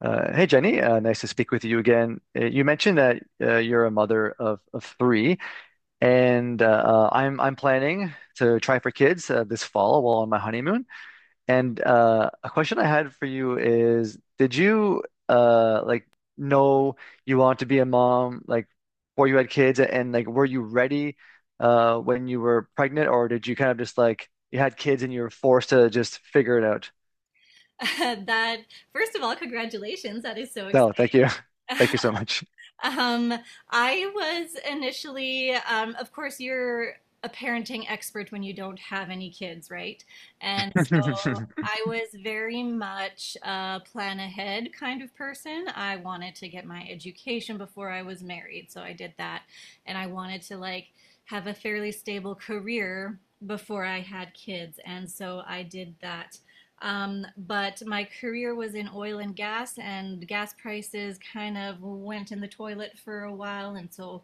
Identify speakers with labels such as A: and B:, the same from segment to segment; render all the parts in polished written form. A: Hey, Jenny. Nice to speak with you again. You mentioned that you're a mother of three, and I'm planning to try for kids this fall while on my honeymoon. And a question I had for you is, did you like know you want to be a mom like before you had kids, and like were you ready when you were pregnant, or did you kind of just like you had kids and you were forced to just figure it out?
B: That first of all, congratulations. That is so
A: No, thank
B: exciting.
A: you. Thank you so much.
B: um, I was initially of course you're a parenting expert when you don't have any kids, right? And so I was very much a plan ahead kind of person. I wanted to get my education before I was married, so I did that. And I wanted to like have a fairly stable career before I had kids, and so I did that. But my career was in oil and gas prices kind of went in the toilet for a while. And so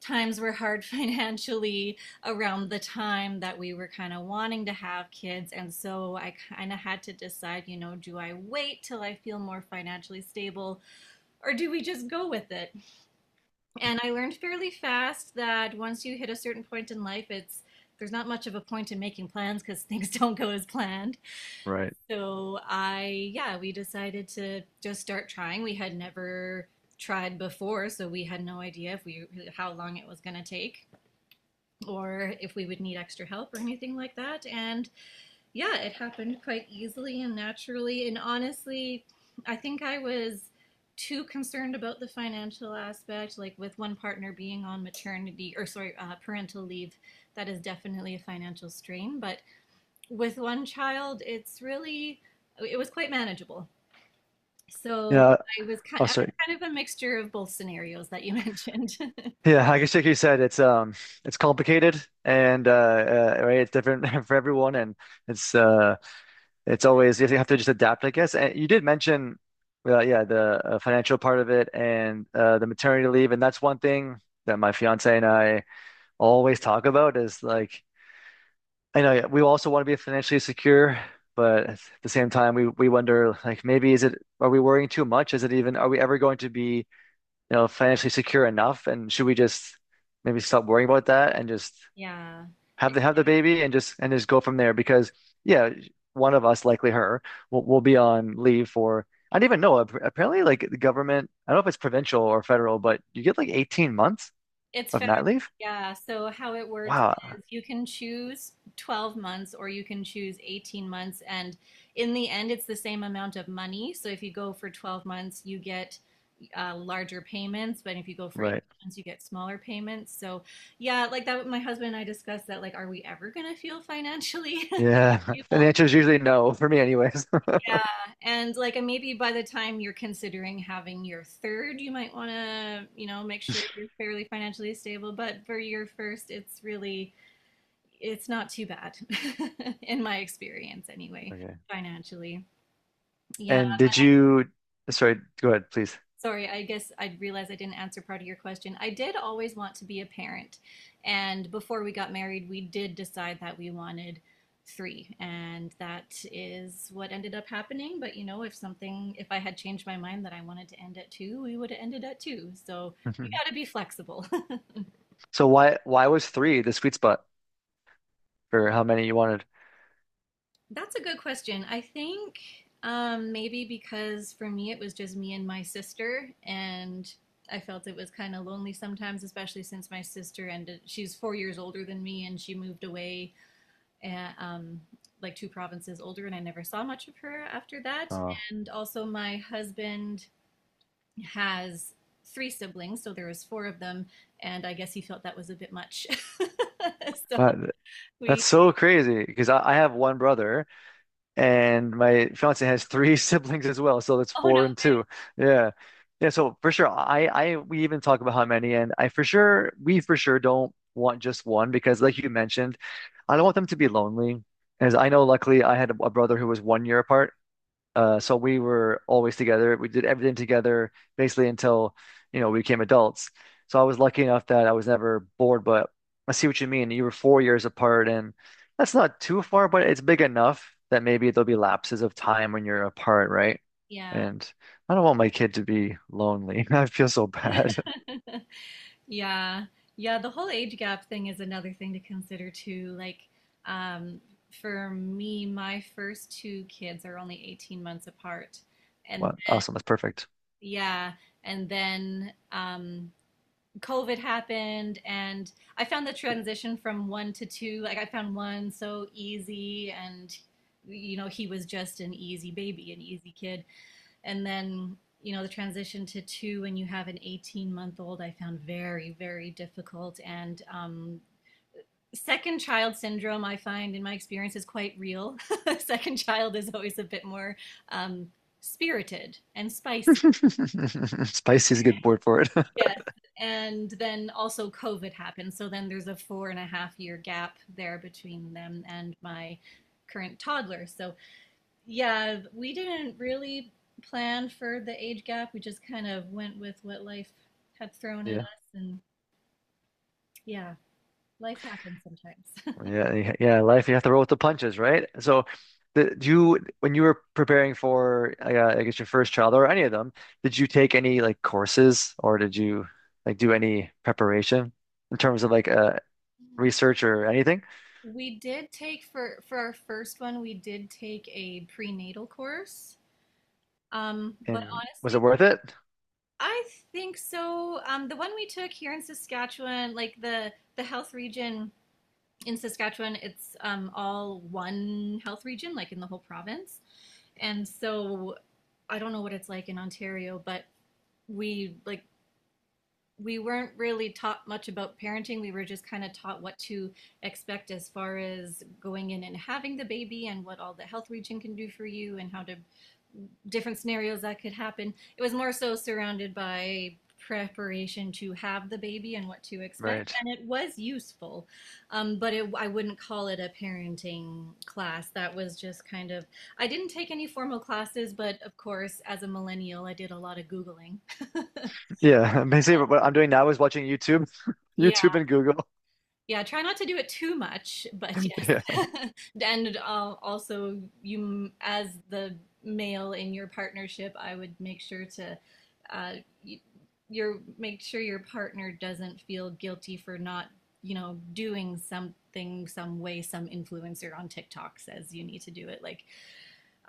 B: times were hard financially around the time that we were kind of wanting to have kids. And so I kind of had to decide, you know, do I wait till I feel more financially stable, or do we just go with it? And I learned fairly fast that once you hit a certain point in life, it's there's not much of a point in making plans because things don't go as planned.
A: Right.
B: So I, yeah, we decided to just start trying. We had never tried before, so we had no idea if we how long it was going to take or if we would need extra help or anything like that. And yeah, it happened quite easily and naturally. And honestly, I think I was too concerned about the financial aspect, like with one partner being on maternity or sorry, parental leave. That is definitely a financial strain, but with one child, it was quite manageable. So
A: Yeah. Oh,
B: I was
A: sorry.
B: kind of a mixture of both scenarios that you mentioned.
A: Yeah, I guess like you said, it's it's complicated and right, it's different for everyone, and it's uh, it's always you have to just adapt, I guess. And you did mention, yeah, the financial part of it and the maternity leave, and that's one thing that my fiance and I always talk about is like, I know, yeah, we also want to be financially secure, but at the same time, we wonder like maybe is it are we worrying too much? Is it even are we ever going to be financially secure enough? And should we just maybe stop worrying about that and just
B: Yeah, it,
A: have the baby and just go from there? Because yeah, one of us, likely her, will be on leave for I don't even know. Apparently, like the government, I don't know if it's provincial or federal, but you get like 18 months
B: it's
A: of
B: federal.
A: mat leave.
B: Yeah, so how it works
A: Wow.
B: is you can choose 12 months or you can choose 18 months, and in the end, it's the same amount of money. So if you go for 12 months, you get larger payments, but if you go for 18
A: Right.
B: months, you get smaller payments. So yeah, like that, my husband and I discussed that, like, are we ever gonna feel financially
A: Yeah. And
B: people.
A: the answer is usually no for me anyways.
B: Yeah. And like maybe by the time you're considering having your third, you might want to, you know, make sure you're fairly financially stable. But for your first, it's not too bad in my experience anyway,
A: Okay.
B: financially. Yeah.
A: And did you, sorry, go ahead, please.
B: Sorry, I guess I realized I didn't answer part of your question. I did always want to be a parent. And before we got married, we did decide that we wanted three. And that is what ended up happening. But you know, if something, if I had changed my mind that I wanted to end at two, we would have ended at two. So you got to be flexible.
A: So why was three the sweet spot for how many you wanted?
B: That's a good question. I think maybe because for me it was just me and my sister, and I felt it was kind of lonely sometimes, especially since my sister ended. She's 4 years older than me, and she moved away, uh um, like two provinces older, and I never saw much of her after that.
A: Oh,
B: And also, my husband has three siblings, so there was four of them, and I guess he felt that was a bit much. So
A: what?
B: we,
A: That's so crazy because I have one brother and my fiance has three siblings as well. So that's
B: oh no,
A: four and two. Yeah. Yeah. So for sure, we even talk about how many, and we for sure don't want just one because, like you mentioned, I don't want them to be lonely. As I know, luckily, I had a brother who was 1 year apart. So we were always together. We did everything together basically until, you know, we became adults. So I was lucky enough that I was never bored, but I see what you mean. You were 4 years apart, and that's not too far, but it's big enough that maybe there'll be lapses of time when you're apart, right?
B: yeah.
A: And I don't want my kid to be lonely. I feel so bad.
B: Yeah. Yeah, the whole age gap thing is another thing to consider too. Like, um, for me, my first two kids are only 18 months apart. And
A: Well, awesome. That's perfect.
B: yeah, and then COVID happened, and I found the transition from one to two, like, I found one so easy, and, you know, he was just an easy baby, an easy kid. And then you know the transition to two when you have an 18-month old, I found very difficult. And second child syndrome I find in my experience is quite real. Second child is always a bit more um, spirited and spicy.
A: Spicy is a good word for it.
B: Yes. And then also COVID happened, so then there's a four and a half year gap there between them and my current toddler. So yeah, we didn't really plan for the age gap. We just kind of went with what life had thrown at
A: Yeah.
B: us, and yeah, life happens sometimes.
A: Yeah, yeah, life you have to roll with the punches, right? So, the, do you when you were preparing for I guess your first child or any of them, did you take any like courses or did you like do any preparation in terms of research or anything?
B: We did take for our first one, we did take a prenatal course. But
A: And was it
B: honestly,
A: worth it?
B: I think so. The one we took here in Saskatchewan, like the health region in Saskatchewan, it's all one health region, like in the whole province. And so I don't know what it's like in Ontario, but we like we weren't really taught much about parenting. We were just kind of taught what to expect as far as going in and having the baby and what all the health region can do for you and how to different scenarios that could happen. It was more so surrounded by preparation to have the baby and what to expect,
A: Right.
B: and it was useful, but I wouldn't call it a parenting class. That was just kind of, I didn't take any formal classes, but of course, as a millennial, I did a lot of Googling.
A: Yeah, basically what I'm doing now is watching YouTube, YouTube
B: Yeah.
A: and Google.
B: Yeah, try not to do it too much, but
A: Yeah.
B: yes. And also, you, as the male in your partnership, I would make sure to, uh, y- your make sure your partner doesn't feel guilty for not, you know, doing something, some way, some influencer on TikTok says you need to do it. Like,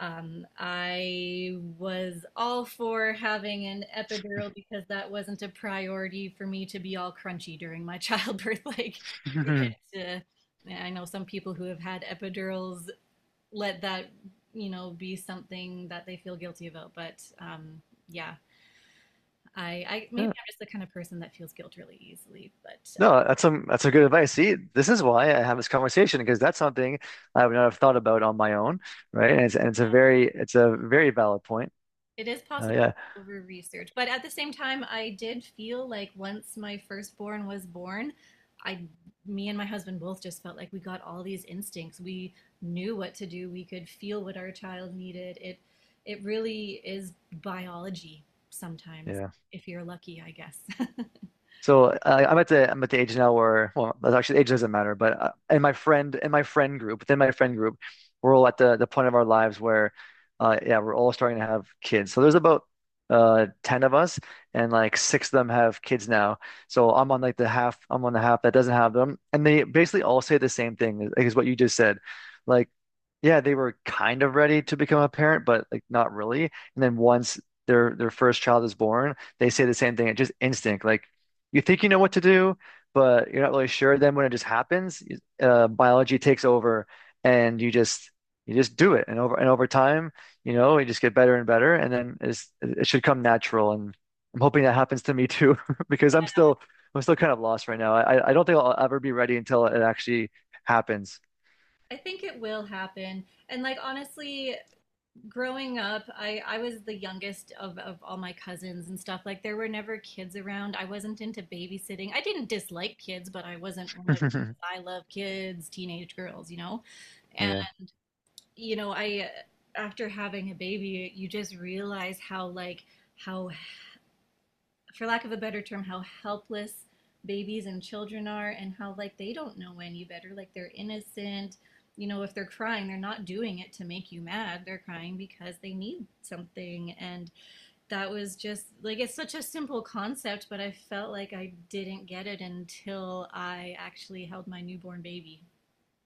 B: I was all for having an epidural because that wasn't a priority for me to be all crunchy during my childbirth. Like, it, I know some people who have had epidurals let that, you know, be something that they feel guilty about. But yeah, I maybe
A: Yeah.
B: I'm just the kind of person that feels guilt really easily. But
A: No, that's some good advice. See, this is why I have this conversation because that's something I would not have thought about on my own, right? And it's a very valid point.
B: it is possible
A: Yeah,
B: to over research, but at the same time, I did feel like once my firstborn was born, I, me and my husband both just felt like we got all these instincts. We knew what to do. We could feel what our child needed. It really is biology sometimes,
A: yeah.
B: if you're lucky, I guess.
A: So I'm at the age now where well that's actually age doesn't matter but and my friend group we're all at the point of our lives where yeah we're all starting to have kids so there's about 10 of us and like six of them have kids now so I'm on like the half I'm on the half that doesn't have them and they basically all say the same thing like is what you just said like yeah they were kind of ready to become a parent but like not really and then once their first child is born they say the same thing it's just instinct like you think you know what to do, but you're not really sure. Then when it just happens, biology takes over, and you just do it. And over time, you know, you just get better and better, and then it's, it should come natural. And I'm hoping that happens to me too, because I'm still kind of lost right now. I don't think I'll ever be ready until it actually happens.
B: I think it will happen. And like honestly, growing up, I was the youngest of all my cousins and stuff. Like, there were never kids around. I wasn't into babysitting. I didn't dislike kids, but I wasn't one of those I love kids, teenage girls, you know? And,
A: Yeah.
B: you know, after having a baby, you just realize how, like, how for lack of a better term, how helpless babies and children are and how like they don't know any better. Like they're innocent. You know, if they're crying, they're not doing it to make you mad. They're crying because they need something. And that was just like, it's such a simple concept, but I felt like I didn't get it until I actually held my newborn baby.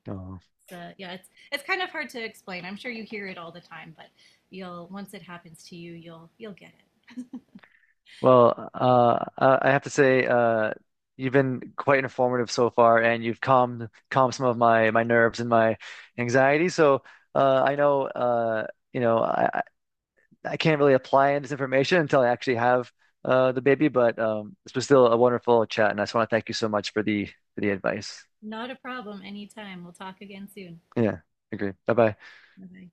A: Oh.
B: So, yeah, it's kind of hard to explain. I'm sure you hear it all the time, but once it happens to you, you'll get it.
A: Well, I have to say, you've been quite informative so far, and you've calmed some of my nerves and my anxiety. So, I know, you know, I can't really apply this information until I actually have the baby, but this was still a wonderful chat, and I just want to thank you so much for the advice.
B: Not a problem, anytime. We'll talk again soon.
A: Yeah, agree. Bye bye.
B: Bye-bye.